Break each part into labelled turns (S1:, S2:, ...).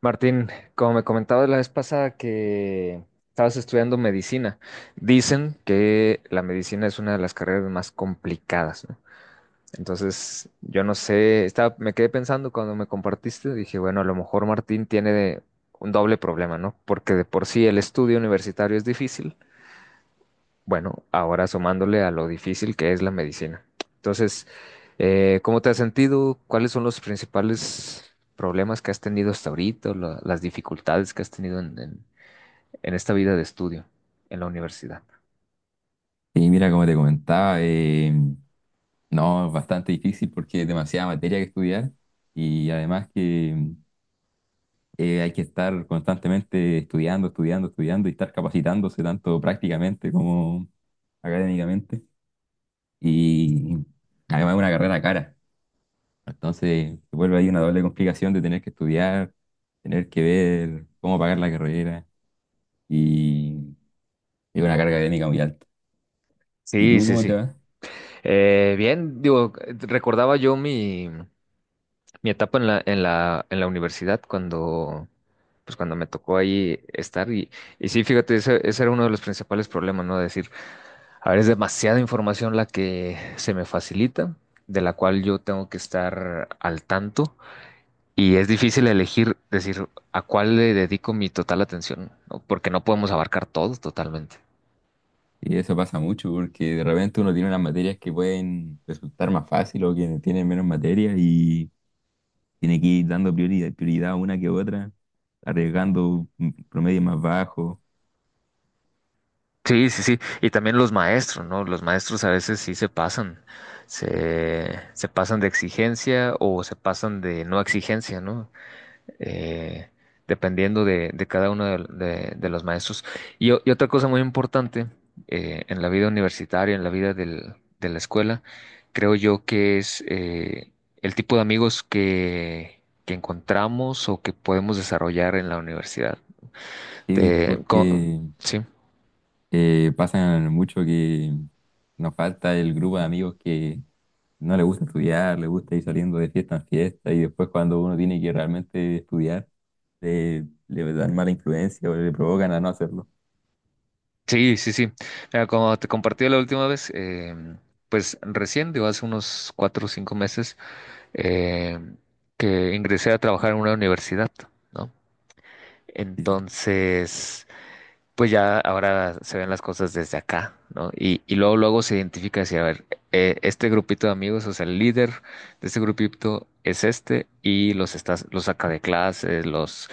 S1: Martín, como me comentabas la vez pasada que estabas estudiando medicina, dicen que la medicina es una de las carreras más complicadas, ¿no? Entonces, yo no sé, estaba, me quedé pensando cuando me compartiste, dije, bueno, a lo mejor Martín tiene un doble problema, ¿no? Porque de por sí el estudio universitario es difícil, bueno, ahora sumándole a lo difícil que es la medicina. Entonces, ¿cómo te has sentido? ¿Cuáles son los principales problemas que has tenido hasta ahorita, o las dificultades que has tenido en en esta vida de estudio en la universidad?
S2: Y mira, como te comentaba, no, es bastante difícil porque es demasiada materia que estudiar y además que hay que estar constantemente estudiando, estudiando, estudiando y estar capacitándose tanto prácticamente como académicamente. Y además es una carrera cara, entonces se vuelve ahí una doble complicación de tener que estudiar, tener que ver cómo pagar la carrera y es una carga académica muy alta. ¿Y
S1: Sí,
S2: tú
S1: sí,
S2: cómo te
S1: sí.
S2: va?
S1: Bien, digo, recordaba yo mi etapa en la universidad cuando, pues cuando me tocó ahí estar y sí, fíjate, ese era uno de los principales problemas, ¿no? Decir, a ver, es demasiada información la que se me facilita, de la cual yo tengo que estar al tanto y es difícil elegir, decir, ¿a cuál le dedico mi total atención? ¿No? Porque no podemos abarcar todo totalmente.
S2: Y eso pasa mucho porque de repente uno tiene unas materias que pueden resultar más fácil o que tienen menos materias y tiene que ir dando prioridad, prioridad a una que otra, arriesgando un promedio más bajo.
S1: Sí, sí, sí. Y también los maestros, ¿no? Los maestros a veces sí se pasan, se pasan de exigencia o se pasan de no exigencia, ¿no? Eh, dependiendo de cada uno de los maestros. Y, y otra cosa muy importante, en la vida universitaria, en la vida de la escuela, creo yo que es, el tipo de amigos que encontramos o que podemos desarrollar en la universidad.
S2: Sí,
S1: Te- co-
S2: porque
S1: sí.
S2: pasa mucho que nos falta el grupo de amigos que no le gusta estudiar, le gusta ir saliendo de fiesta en fiesta y después cuando uno tiene que realmente estudiar, le dan mala influencia o le provocan a no hacerlo.
S1: Sí, sí, sí. Mira, como te compartí la última vez, pues recién, digo, hace unos cuatro o cinco meses, em, que ingresé a trabajar en una universidad, ¿no?
S2: Sí, sí.
S1: Entonces, pues ya ahora se ven las cosas desde acá, ¿no? Y luego, luego se identifica así, a ver, este grupito de amigos, o sea, el líder de este grupito es este y los estás, los saca de clases, los,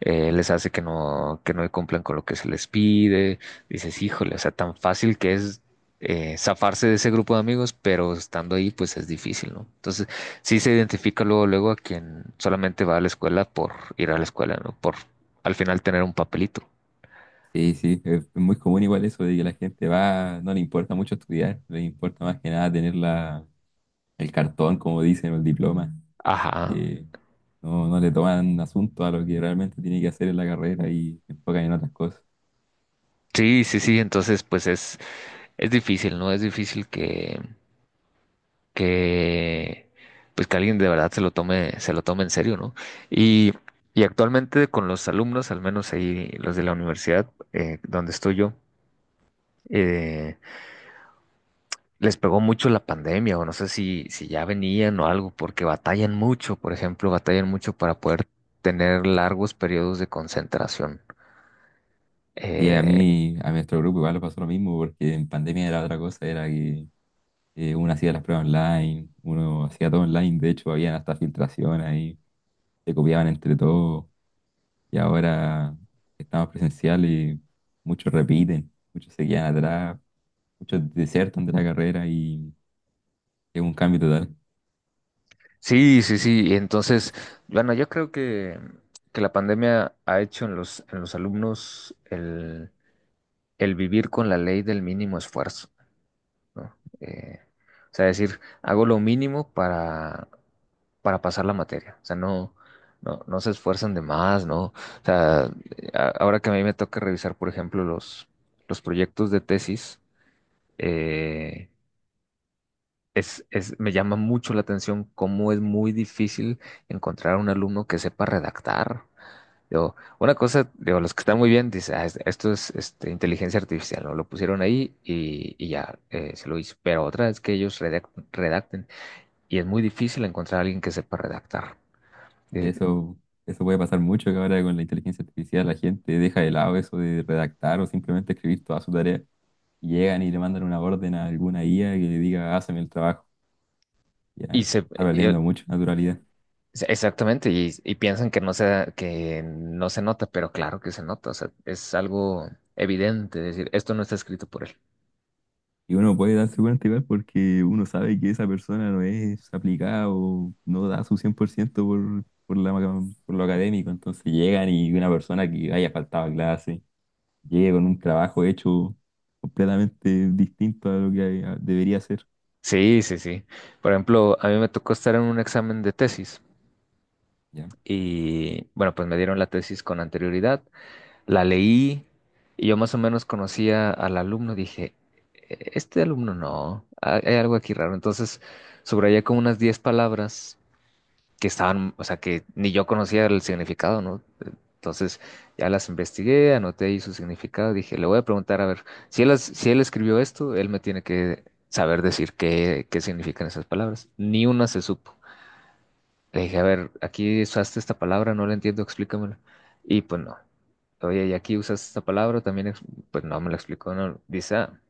S1: les hace que no cumplan con lo que se les pide. Dices, híjole, o sea, tan fácil que es, zafarse de ese grupo de amigos, pero estando ahí, pues es difícil, ¿no? Entonces, sí se identifica luego, luego a quien solamente va a la escuela por ir a la escuela, ¿no? Por al final tener un papelito.
S2: Sí, sí, es muy común igual eso de que la gente va, no le importa mucho estudiar, le importa más que nada tener la, el cartón, como dicen, o el diploma,
S1: Ajá.
S2: que no, no le toman asunto a lo que realmente tiene que hacer en la carrera y se enfocan en otras cosas.
S1: Sí, sí, sí, entonces pues es difícil, ¿no? Es difícil que pues que alguien de verdad se lo tome en serio, ¿no? Y, y actualmente con los alumnos, al menos ahí los de la universidad, donde estoy yo, eh, les pegó mucho la pandemia, o no sé si ya venían o algo, porque batallan mucho, por ejemplo, batallan mucho para poder tener largos periodos de concentración.
S2: Y a
S1: eh,
S2: mí, a nuestro grupo igual le pasó lo mismo, porque en pandemia era otra cosa, era que uno hacía las pruebas online, uno hacía todo online, de hecho había hasta filtración ahí, se copiaban entre todos, y ahora estamos presencial y muchos repiten, muchos se quedan atrás, muchos desertan de la carrera y es un cambio total.
S1: Sí, sí, sí. Entonces, bueno, yo creo que la pandemia ha hecho en en los alumnos el vivir con la ley del mínimo esfuerzo, ¿no? Eh, o sea, decir, hago lo mínimo para pasar la materia. O sea, no se esfuerzan de más, ¿no? O sea, ahora que a mí me toca revisar, por ejemplo, los proyectos de tesis, eh, me llama mucho la atención cómo es muy difícil encontrar un alumno que sepa redactar. Digo, una cosa, digo, los que están muy bien dicen: "Ah, esto es este, inteligencia artificial, ¿no? Lo pusieron ahí y ya, se lo hizo". Pero otra es que ellos redacten, y es muy difícil encontrar a alguien que sepa redactar. Eh,
S2: Eso, eso puede pasar mucho que ahora con la inteligencia artificial la gente deja de lado eso de redactar o simplemente escribir toda su tarea. Y llegan y le mandan una orden a alguna IA que le diga, hazme el trabajo.
S1: Y,
S2: Ya
S1: se,
S2: se está
S1: eh,
S2: perdiendo mucha naturalidad.
S1: exactamente, y piensan que no que no se nota, pero claro que se nota, o sea, es algo evidente, es decir, esto no está escrito por él.
S2: Y uno puede darse cuenta igual porque uno sabe que esa persona no es aplicada o no da su 100% por, ciento por, la, por lo académico. Entonces llegan y una persona que haya faltado a clase llega con un trabajo hecho completamente distinto a lo que debería ser.
S1: Sí, sí, sí. Por ejemplo, a mí me tocó estar en un examen de tesis,
S2: ¿Ya?
S1: y bueno, pues me dieron la tesis con anterioridad, la leí, y yo más o menos conocía al alumno, dije: Este alumno no, hay algo aquí raro". Entonces, subrayé como unas 10 palabras que estaban, o sea, que ni yo conocía el significado, ¿no? Entonces ya las investigué, anoté ahí su significado, dije, le voy a preguntar, a ver, si él, si él escribió esto, él me tiene que saber decir qué, qué significan esas palabras. Ni una se supo. Le dije, a ver, aquí usaste esta palabra, no la entiendo, explícamela. Y pues no. Oye, y aquí usaste esta palabra, también, pues no me la explicó, no. Dice, ah,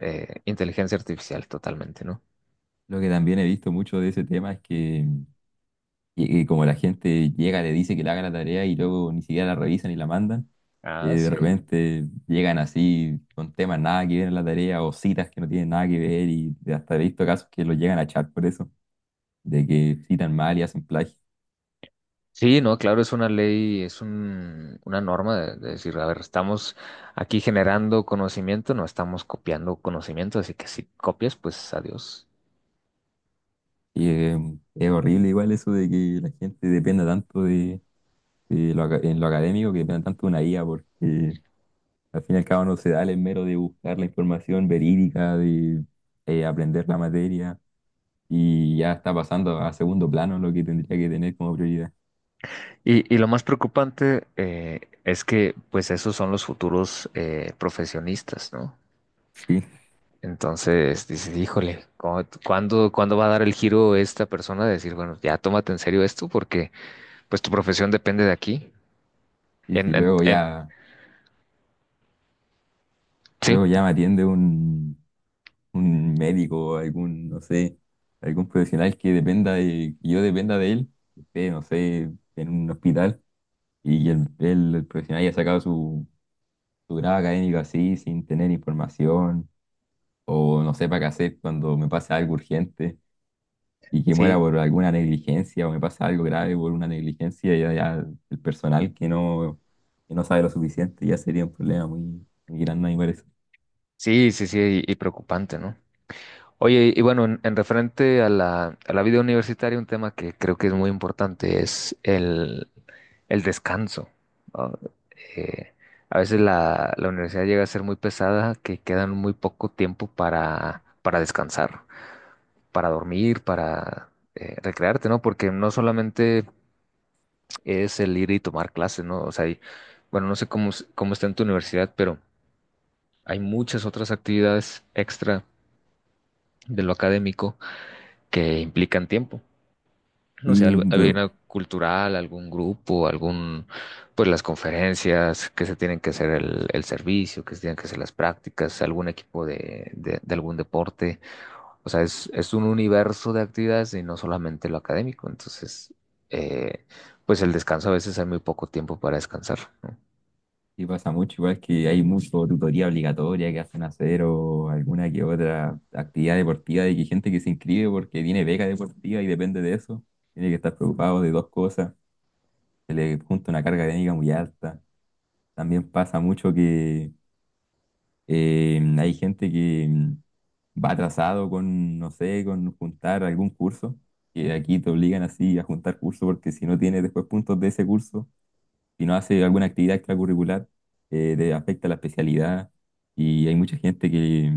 S1: inteligencia artificial, totalmente, ¿no?
S2: Lo que también he visto mucho de ese tema es que, que como la gente llega, le dice que le haga la tarea y luego ni siquiera la revisan y la mandan,
S1: Ah,
S2: de
S1: sí.
S2: repente llegan así con temas nada que ver en la tarea o citas que no tienen nada que ver y hasta he visto casos que los llegan a echar por eso, de que citan mal y hacen plagio.
S1: Sí, no, claro, es una ley, es un, una norma de decir, a ver, estamos aquí generando conocimiento, no estamos copiando conocimiento, así que si copias, pues adiós.
S2: Y, eh, es horrible igual eso de que la gente dependa tanto de lo, en lo académico, que dependa tanto de una IA porque al fin y al cabo no se da el mero de buscar la información verídica, de aprender la materia y ya está pasando a segundo plano lo que tendría que tener como prioridad.
S1: Y lo más preocupante, es que, pues, esos son los futuros, profesionistas, ¿no?
S2: Sí,
S1: Entonces, dices, híjole, ¿cuándo, cuándo va a dar el giro esta persona de decir, bueno, ya tómate en serio esto porque, pues, tu profesión depende de aquí?
S2: y si
S1: En, en-
S2: luego
S1: en-
S2: ya,
S1: sí,
S2: luego ya me atiende un médico o algún, no sé, algún profesional que dependa de, que yo dependa de él, que esté, no sé, en un hospital y el profesional haya sacado su, su grado académico así, sin tener información o no sepa qué hacer cuando me pase algo urgente. Y que muera
S1: sí,
S2: por alguna negligencia o me pasa algo grave por una negligencia ya, ya el personal que no sabe lo suficiente ya sería un problema muy, muy grande, me parece.
S1: sí, sí, sí, y preocupante, ¿no? Oye, y bueno, en referente a la vida universitaria, un tema que creo que es muy importante es el descanso, ¿no? Eh, a veces la universidad llega a ser muy pesada, que quedan muy poco tiempo para descansar, para dormir, para, recrearte, ¿no? Porque no solamente es el ir y tomar clases, ¿no? O sea, bueno, no sé cómo, cómo está en tu universidad, pero hay muchas otras actividades extra de lo académico que implican tiempo. No sé,
S2: Y, de-
S1: alguna cultural, algún grupo, algún, pues las conferencias que se tienen que hacer, el servicio, que se tienen que hacer las prácticas, algún equipo de algún deporte. O sea, es un universo de actividades y no solamente lo académico. Entonces, eh, pues el descanso a veces hay muy poco tiempo para descansar, ¿no?
S2: y pasa mucho, igual que hay mucho tutoría obligatoria que hacen hacer o alguna que otra actividad deportiva de que gente que se inscribe porque tiene beca deportiva y depende de eso, tiene que estar preocupado de dos cosas, se le junta una carga académica muy alta. También pasa mucho que hay gente que va atrasado con, no sé, con juntar algún curso, que aquí te obligan así a juntar curso porque si no tienes después puntos de ese curso, si no haces alguna actividad extracurricular, te afecta la especialidad y hay mucha gente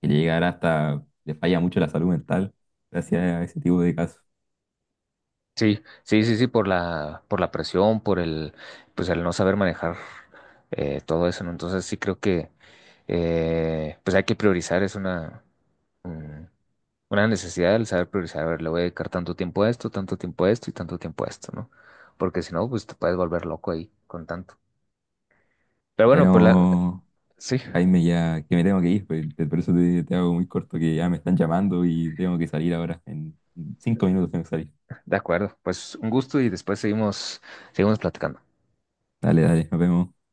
S2: que llegará hasta, le falla mucho la salud mental gracias a ese tipo de casos.
S1: Sí, sí, sí, sí, por por la presión, por pues el no saber manejar, todo eso, ¿no? Entonces sí creo que, pues hay que priorizar, es una, mm, una necesidad el saber priorizar, a ver, le voy a dedicar tanto tiempo a esto, tanto tiempo a esto y tanto tiempo a esto, ¿no? Porque si no, pues te puedes volver loco ahí con tanto. Pero bueno, pues la,
S2: Bueno,
S1: sí,
S2: Jaime, ya que me tengo que ir, pues, por eso te, te hago muy corto, que ya me están llamando y tengo que salir ahora. En 5 minutos tengo que salir.
S1: de acuerdo, pues un gusto y después seguimos, seguimos platicando.
S2: Dale, dale, nos vemos.